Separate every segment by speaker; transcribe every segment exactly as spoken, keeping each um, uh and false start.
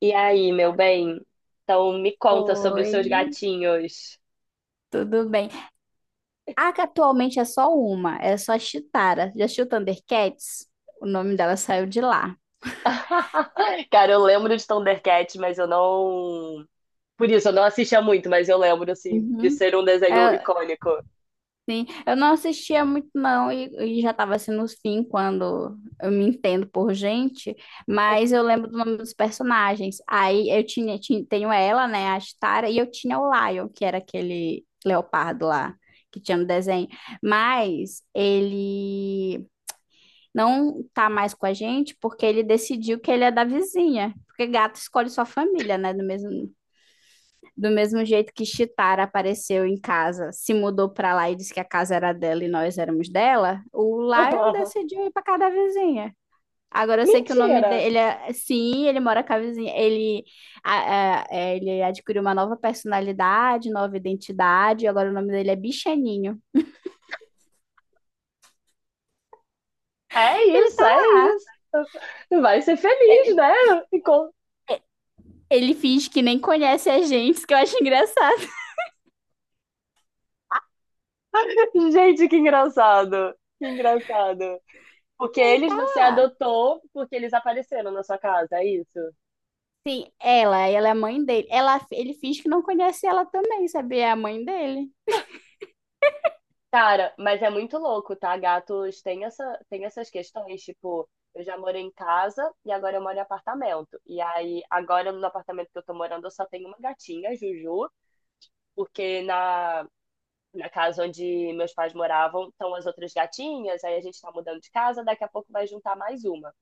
Speaker 1: E aí, meu bem? Então me conta sobre os
Speaker 2: Oi,
Speaker 1: seus gatinhos.
Speaker 2: tudo bem? A que atualmente é só uma, é só a Chitara. Já assistiu Thundercats? O nome dela saiu de lá.
Speaker 1: Cara, eu lembro de Thundercats, mas eu não. Por isso, eu não assistia muito, mas eu lembro, assim, de
Speaker 2: Uhum.
Speaker 1: ser um desenho
Speaker 2: É,
Speaker 1: icônico.
Speaker 2: sim, eu não assistia muito não e, e já estava assim nos fim quando eu me entendo por gente, mas eu lembro do nome dos personagens. Aí eu tinha, ti- tenho ela, né, a Chitara, e eu tinha o Lion, que era aquele leopardo lá que tinha no desenho, mas ele não tá mais com a gente porque ele decidiu que ele é da vizinha. Porque gato escolhe sua família, né? Do mesmo, do mesmo jeito que Chitara apareceu em casa, se mudou pra lá e disse que a casa era dela e nós éramos dela, o Lion decidiu ir pra casa da vizinha. Agora eu sei que o nome
Speaker 1: Mentira!
Speaker 2: dele é. Sim, ele mora com a vizinha. Ele, a- a- é, ele adquiriu uma nova personalidade, nova identidade. Agora o nome dele é Bichaninho.
Speaker 1: É
Speaker 2: Ele,
Speaker 1: isso,
Speaker 2: tá,
Speaker 1: é isso. Vai ser feliz, né? Encon-
Speaker 2: ele finge que nem conhece a gente, que eu acho engraçado.
Speaker 1: Gente, que engraçado. Que engraçado. Porque
Speaker 2: Ele
Speaker 1: eles
Speaker 2: tá
Speaker 1: você
Speaker 2: lá.
Speaker 1: adotou porque eles apareceram na sua casa, é isso?
Speaker 2: Sim, ela, ela é a mãe dele. Ela, ele finge que não conhece ela também, sabia? É a mãe dele.
Speaker 1: Cara, mas é muito louco, tá? Gatos têm essa, têm essas questões, tipo, eu já morei em casa e agora eu moro em apartamento. E aí, agora no apartamento que eu tô morando, eu só tenho uma gatinha, Juju, porque na, na casa onde meus pais moravam estão as outras gatinhas, aí a gente tá mudando de casa, daqui a pouco vai juntar mais uma.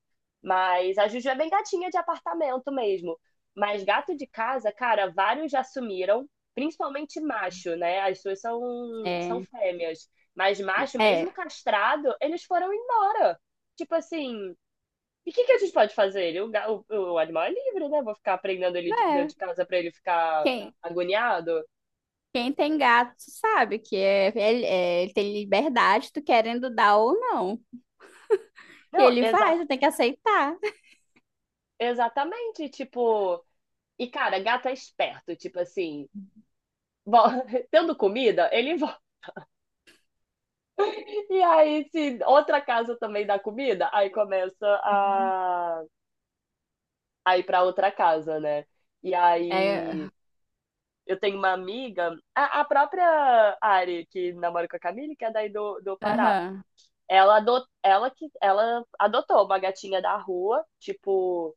Speaker 1: Mas a Juju é bem gatinha de apartamento mesmo. Mas gato de casa, cara, vários já sumiram, principalmente macho, né? As suas são, são
Speaker 2: É,
Speaker 1: fêmeas. Mas macho,
Speaker 2: é,
Speaker 1: mesmo castrado, eles foram embora. Tipo assim, e o que, que a gente pode fazer? Ele, o, ga- o, o animal é livre, né? Vou ficar prendendo ele de,
Speaker 2: né?
Speaker 1: de casa pra ele ficar
Speaker 2: Quem,
Speaker 1: agoniado?
Speaker 2: quem tem gato sabe que é, ele, é, ele tem liberdade, tu querendo dar ou não. E
Speaker 1: Não,
Speaker 2: ele
Speaker 1: exa
Speaker 2: vai, tu tem que aceitar.
Speaker 1: exatamente. Tipo, e cara, gato é esperto. Tipo assim, bom, tendo comida, ele E aí, se outra casa também dá comida, aí começa
Speaker 2: Uhum.
Speaker 1: a, a ir para outra casa, né? E
Speaker 2: É,
Speaker 1: aí, eu tenho uma amiga, a, a própria Ari, que namora com a Camille, que é daí do, do Pará.
Speaker 2: aham,
Speaker 1: Ela, adot, ela, que, ela adotou uma gatinha da rua, tipo,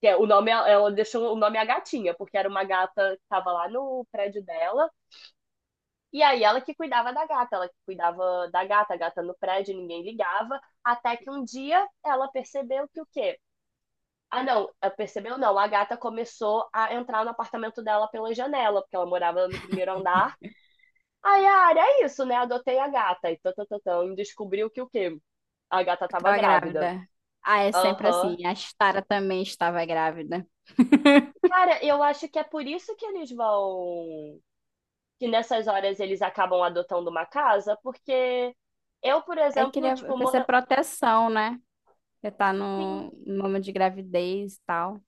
Speaker 1: que é, o nome, ela deixou o nome a gatinha, porque era uma gata que tava lá no prédio dela. E aí ela que cuidava da gata, ela que cuidava da gata, a gata no prédio, ninguém ligava, até que um dia ela percebeu que o quê? Ah, não, ela percebeu não, a gata começou a entrar no apartamento dela pela janela, porque ela morava no primeiro andar. Aí, a é isso, né? Adotei a gata e tatatão, e descobriu que o quê? A gata
Speaker 2: eu
Speaker 1: tava
Speaker 2: tava
Speaker 1: grávida.
Speaker 2: grávida. Ah, é sempre
Speaker 1: Aham.
Speaker 2: assim. A Stara também estava grávida.
Speaker 1: Cara, eu acho que é por isso que eles vão. Que nessas horas eles acabam adotando uma casa, porque eu, por
Speaker 2: É que ele
Speaker 1: exemplo,
Speaker 2: é,
Speaker 1: tipo,
Speaker 2: precisa de
Speaker 1: mora.
Speaker 2: proteção, né? Você tá no
Speaker 1: Sim,
Speaker 2: no momento de gravidez e tal.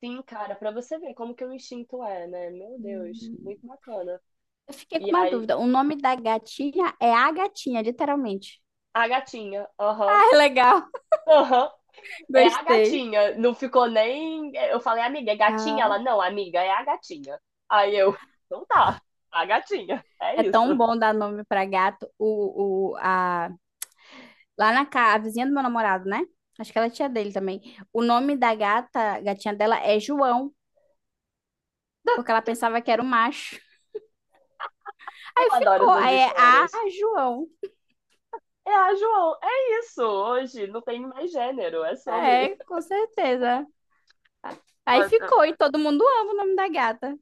Speaker 1: sim, cara, pra você ver como que o instinto é, né? Meu Deus,
Speaker 2: Uhum.
Speaker 1: muito bacana.
Speaker 2: Eu fiquei com
Speaker 1: E
Speaker 2: uma
Speaker 1: aí,
Speaker 2: dúvida. O nome da gatinha é a gatinha, literalmente.
Speaker 1: a gatinha, aham,
Speaker 2: Ah, é legal.
Speaker 1: aham, é a
Speaker 2: Gostei.
Speaker 1: gatinha. Não ficou nem. Eu falei, amiga, é gatinha?
Speaker 2: Ah,
Speaker 1: Ela, não, amiga, é a gatinha. Aí eu, então tá, a gatinha, é
Speaker 2: é
Speaker 1: isso.
Speaker 2: tão bom dar nome pra gato. O, o, a... Lá na casa, a vizinha do meu namorado, né? Acho que ela é tia dele também. O nome da gata, gatinha dela é João, porque ela pensava que era um macho.
Speaker 1: Eu
Speaker 2: Aí
Speaker 1: adoro
Speaker 2: ficou.
Speaker 1: essas
Speaker 2: Aí é a
Speaker 1: histórias.
Speaker 2: João.
Speaker 1: É a João, é isso. Hoje não tem mais gênero, é sobre.
Speaker 2: É, com certeza. Aí
Speaker 1: Nossa,
Speaker 2: ficou, e todo mundo ama o nome da gata.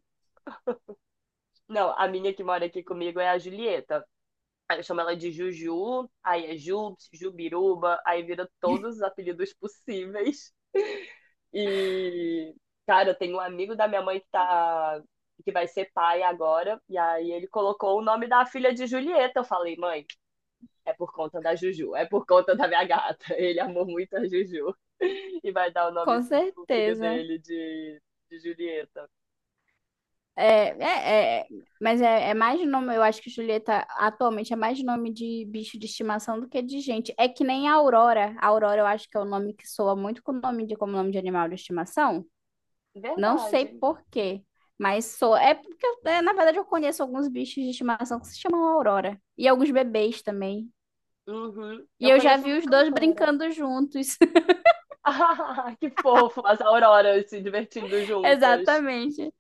Speaker 1: não, a minha que mora aqui comigo é a Julieta. Aí eu chamo ela de Juju, aí é Jubs, Jubiruba, aí vira todos os apelidos possíveis. E, cara, eu tenho um amigo da minha mãe que tá. Que vai ser pai agora, e aí ele colocou o nome da filha de Julieta. Eu falei, mãe, é por conta da Juju, é por conta da minha gata. Ele amou muito a Juju e vai dar o nome
Speaker 2: Com
Speaker 1: do filho
Speaker 2: certeza.
Speaker 1: dele de, de Julieta.
Speaker 2: É, é, é, mas é, é mais nome, eu acho que Julieta atualmente é mais nome de bicho de estimação do que de gente. É que nem a Aurora. A Aurora eu acho que é o nome que soa muito com o nome de, como nome de animal de estimação. Não sei
Speaker 1: Verdade.
Speaker 2: por quê, mas soa. É porque, eu- é, na verdade, eu conheço alguns bichos de estimação que se chamam Aurora. E alguns bebês também.
Speaker 1: Uhum.
Speaker 2: E
Speaker 1: Eu
Speaker 2: eu já
Speaker 1: conheço
Speaker 2: vi
Speaker 1: uma
Speaker 2: os dois
Speaker 1: cantora.
Speaker 2: brincando juntos.
Speaker 1: Ah, que fofo, as auroras se divertindo juntas.
Speaker 2: Exatamente.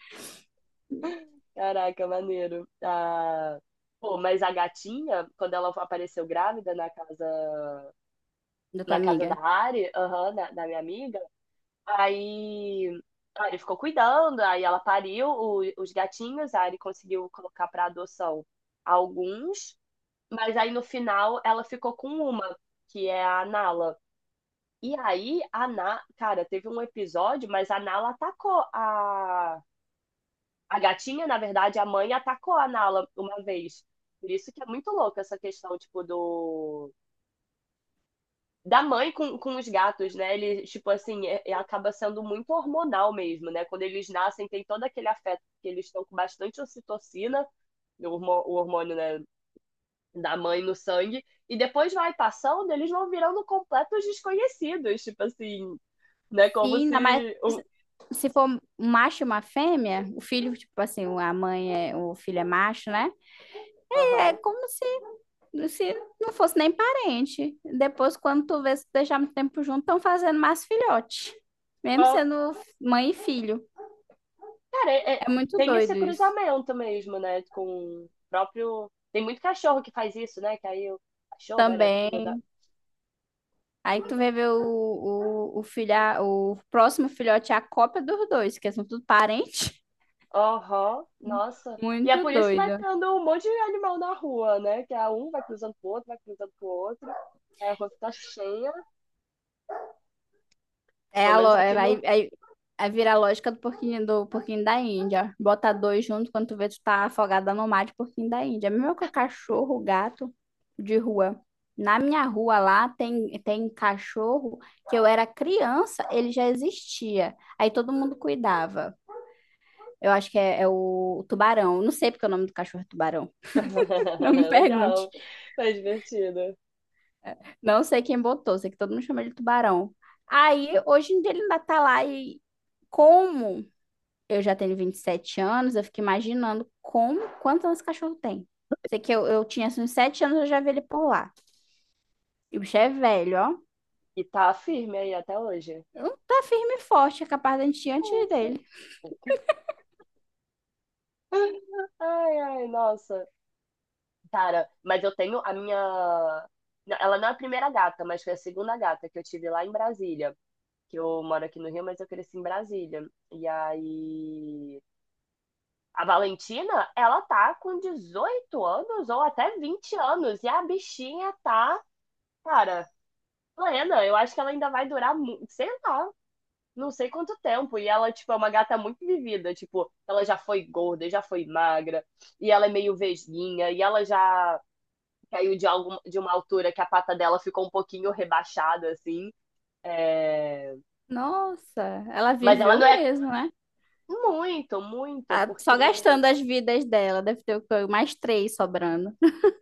Speaker 1: Caraca, maneiro. Ah, pô, mas a gatinha, quando ela apareceu grávida na casa,
Speaker 2: Da tua
Speaker 1: na casa da
Speaker 2: amiga.
Speaker 1: Ari, aham, da, da minha amiga, aí a Ari ficou cuidando, aí ela pariu o- os gatinhos, a Ari conseguiu colocar para adoção alguns, mas aí no final ela ficou com uma, que é a Nala. E aí, a Na... cara, teve um episódio, mas a Nala atacou a. A gatinha, na verdade, a mãe atacou a Nala uma vez. Por isso que é muito louco essa questão, tipo, do... Da mãe com, com os gatos, né? Ele, tipo assim, é- é- acaba sendo muito hormonal mesmo, né? Quando eles nascem, tem todo aquele afeto, porque eles estão com bastante ocitocina, o hormo- o hormônio, né, da mãe no sangue, e depois vai passando, eles vão virando completos desconhecidos, tipo assim, né? Como
Speaker 2: Sim, ainda mais.
Speaker 1: se... um-
Speaker 2: Se for um macho e uma fêmea, o filho, tipo assim, a mãe é, o filho é macho, né? E é
Speaker 1: Aham.
Speaker 2: como se, se não fosse nem parente. Depois, quando tu vê se deixar muito tempo junto, estão fazendo mais filhote. Mesmo sendo mãe e filho.
Speaker 1: Cara, é- é-
Speaker 2: É muito
Speaker 1: tem
Speaker 2: doido
Speaker 1: esse
Speaker 2: isso.
Speaker 1: cruzamento mesmo, né? Com o próprio. Tem muito cachorro que faz isso, né? Que aí o cachorro era filho
Speaker 2: Também.
Speaker 1: da.
Speaker 2: Aí
Speaker 1: Sim.
Speaker 2: tu vê ver o, o, o filho, o próximo filhote é a cópia dos dois, que são tudo parente.
Speaker 1: Aham, nossa. E é
Speaker 2: Muito
Speaker 1: por isso que vai
Speaker 2: doido.
Speaker 1: tendo um monte de animal na rua, né? Que a um vai cruzando pro outro, vai cruzando pro outro. Aí a rua fica cheia.
Speaker 2: É
Speaker 1: Pelo
Speaker 2: a
Speaker 1: menos
Speaker 2: lo...
Speaker 1: aqui
Speaker 2: é- aí,
Speaker 1: no.
Speaker 2: aí, aí vira a lógica do porquinho, do porquinho, da Índia. Bota dois junto quando tu vê tu tá afogada no mar de porquinho da Índia. É a mesma cachorro, gato de rua. Na minha rua lá tem, tem cachorro que eu era criança, ele já existia. Aí todo mundo cuidava. Eu acho que é, é o tubarão. Não sei porque o nome do cachorro é tubarão. Não me pergunte.
Speaker 1: Legal. Tá divertido.
Speaker 2: Não sei quem botou, sei que todo mundo chama ele de tubarão. Aí, hoje em dia ele ainda tá lá e como? Eu já tenho vinte e sete anos, eu fico imaginando como, quantos anos o cachorro tem. Sei que eu, eu tinha assim, uns sete anos, eu já vi ele por lá. E o bicho é velho, ó.
Speaker 1: E tá firme aí até hoje.
Speaker 2: Não tá firme e forte, é capaz da gente ir
Speaker 1: É
Speaker 2: antes
Speaker 1: isso.
Speaker 2: dele.
Speaker 1: Ai, ai, nossa. Cara, mas eu tenho a minha. Ela não é a primeira gata, mas foi a segunda gata que eu tive lá em Brasília. Que eu moro aqui no Rio, mas eu cresci em Brasília. E aí. A Valentina, ela tá com dezoito anos ou até vinte anos. E a bichinha tá, cara, plena. Eu acho que ela ainda vai durar, mu- sei lá, não sei quanto tempo. E ela, tipo, é uma gata muito vivida. Tipo, ela já foi gorda, já foi magra. E ela é meio vesguinha. E ela já caiu de, algum, de uma altura que a pata dela ficou um pouquinho rebaixada, assim. É...
Speaker 2: Nossa, ela
Speaker 1: Mas ela
Speaker 2: viveu
Speaker 1: não é
Speaker 2: mesmo, né?
Speaker 1: muito, muito,
Speaker 2: Ah, só gastando
Speaker 1: porque.
Speaker 2: as vidas dela, deve ter o quê? Mais três sobrando.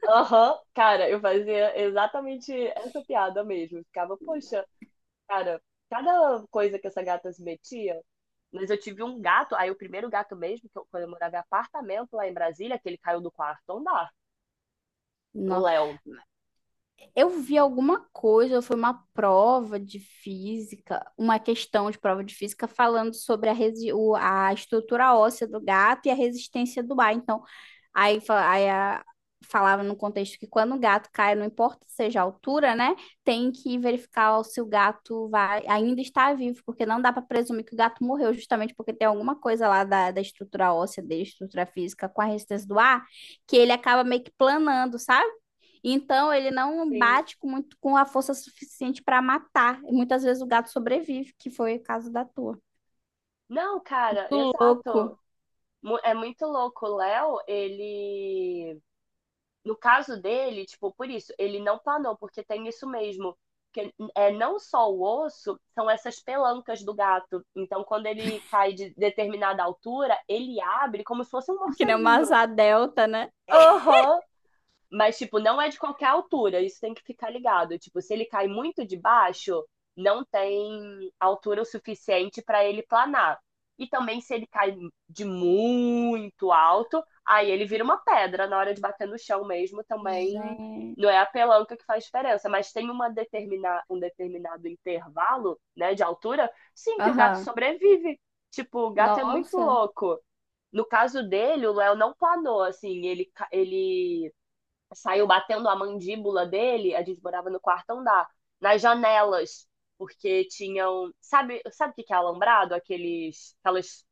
Speaker 1: Aham, cara, eu fazia exatamente essa piada mesmo. Eu ficava, poxa, cara, cada coisa que essa gata se metia. Mas eu tive um gato, aí o primeiro gato mesmo, que eu, quando eu morava em apartamento lá em Brasília, que ele caiu do quarto andar, o
Speaker 2: Nossa.
Speaker 1: Léo.
Speaker 2: Eu vi alguma coisa, foi uma prova de física, uma questão de prova de física falando sobre a, resi- o- a estrutura óssea do gato e a resistência do ar. Então, aí, fa- aí a- falava no contexto que quando o gato cai, não importa seja a altura, né? Tem que verificar se o gato vai, ainda está vivo, porque não dá para presumir que o gato morreu, justamente porque tem alguma coisa lá da, da estrutura óssea dele, estrutura física com a resistência do ar, que ele acaba meio que planando, sabe? Então, ele não
Speaker 1: Sim.
Speaker 2: bate com muito com a força suficiente para matar. E muitas vezes o gato sobrevive, que foi o caso da tua.
Speaker 1: Não, cara,
Speaker 2: Muito louco.
Speaker 1: exato. Mu- É muito louco. O Léo, ele no caso dele, tipo, por isso, ele não planou, porque tem isso mesmo. Que é não só o osso, são essas pelancas do gato. Então, quando ele cai de determinada altura, ele abre como se fosse um
Speaker 2: Que nem uma
Speaker 1: morceguinho.
Speaker 2: asa delta, né?
Speaker 1: Aham. Mas, tipo, não é de qualquer altura, isso tem que ficar ligado. Tipo, se ele cai muito de baixo, não tem altura o suficiente para ele planar. E também, se ele cai de muito alto, aí ele vira uma pedra na hora de bater no chão mesmo. Também
Speaker 2: Gente.
Speaker 1: não é a pelanca que faz diferença, mas tem uma determina, um determinado intervalo, né, de altura, sim, que o gato
Speaker 2: Aham.
Speaker 1: sobrevive. Tipo, o gato é muito
Speaker 2: Nossa.
Speaker 1: louco. No caso dele, o Léo não planou, assim, ele, ele saiu batendo a mandíbula dele, a gente morava no quarto andar, nas janelas, porque tinham, sabe, sabe o que que é alambrado? Aqueles, aquelas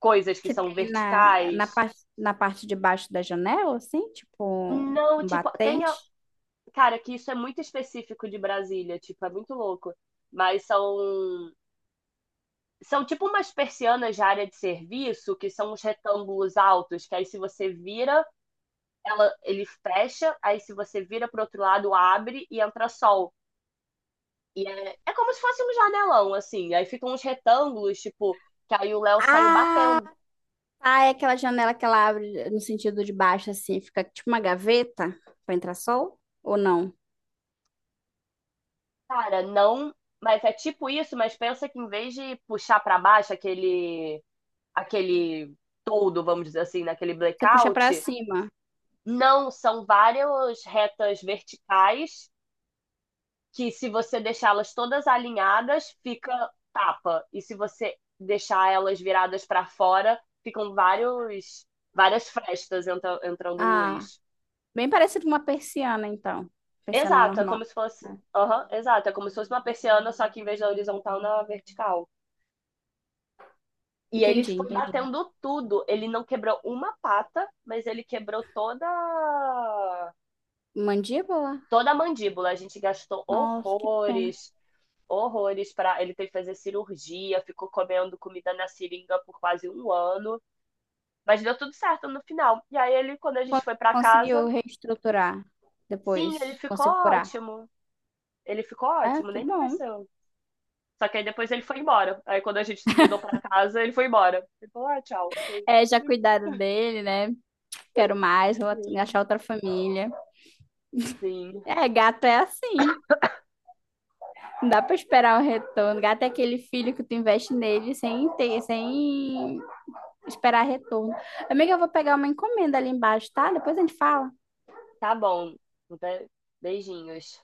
Speaker 1: coisas que
Speaker 2: Que
Speaker 1: são
Speaker 2: tem na, na,
Speaker 1: verticais.
Speaker 2: parte, na parte de baixo da janela, assim, tipo
Speaker 1: Não,
Speaker 2: um
Speaker 1: tipo, tem, a-
Speaker 2: batente.
Speaker 1: cara, que isso é muito específico de Brasília, tipo, é muito louco. Mas são, são tipo umas persianas de área de serviço, que são uns retângulos altos, que aí se você vira, ela, ele fecha, aí se você vira pro outro lado, abre e entra sol. E é, é como se fosse um janelão, assim. Aí ficam uns retângulos, tipo, que aí o Léo saiu
Speaker 2: Ah,
Speaker 1: batendo.
Speaker 2: tá, é aquela janela que ela abre no sentido de baixo, assim, fica tipo uma gaveta para entrar sol? Ou não?
Speaker 1: Cara, não. Mas é tipo isso, mas pensa que em vez de puxar pra baixo aquele, aquele todo, vamos dizer assim, naquele
Speaker 2: Você puxa para
Speaker 1: blackout,
Speaker 2: cima.
Speaker 1: não, são várias retas verticais que, se você deixá-las todas alinhadas, fica tapa. E se você deixar elas viradas para fora, ficam vários, várias frestas entra- entrando
Speaker 2: Ah.
Speaker 1: luz.
Speaker 2: Bem parecido com uma persiana, então. Persiana
Speaker 1: Exato, é
Speaker 2: normal,
Speaker 1: como se fosse.
Speaker 2: né?
Speaker 1: Aham, exato, é como se fosse uma persiana, só que em vez da horizontal, na vertical. E ele
Speaker 2: Entendi,
Speaker 1: foi
Speaker 2: entendi.
Speaker 1: batendo tudo. Ele não quebrou uma pata, mas ele quebrou toda
Speaker 2: Mandíbula?
Speaker 1: toda a mandíbula. A gente gastou
Speaker 2: Nossa, que pena.
Speaker 1: horrores, horrores para ele ter que fazer cirurgia, ficou comendo comida na seringa por quase um ano, mas deu tudo certo no final. E aí ele, quando a
Speaker 2: Con-
Speaker 1: gente foi para
Speaker 2: Conseguiu
Speaker 1: casa,
Speaker 2: reestruturar depois,
Speaker 1: sim, ele ficou
Speaker 2: conseguiu curar.
Speaker 1: ótimo. Ele ficou
Speaker 2: Ah,
Speaker 1: ótimo,
Speaker 2: que
Speaker 1: nem
Speaker 2: bom.
Speaker 1: pareceu. Só que aí depois ele foi embora. Aí quando a gente se mudou pra casa, ele foi embora. Ele falou, ah, tchau. Eu falei,
Speaker 2: É, já cuidaram dele, né? Quero mais, vou
Speaker 1: sim,
Speaker 2: achar outra família.
Speaker 1: sim.
Speaker 2: É, gato é assim. Não dá pra esperar o retorno. Gato é aquele filho que tu investe nele sem ter, sem esperar retorno. Amiga, eu vou pegar uma encomenda ali embaixo, tá? Depois a gente fala.
Speaker 1: Tá bom. Be- Beijinhos.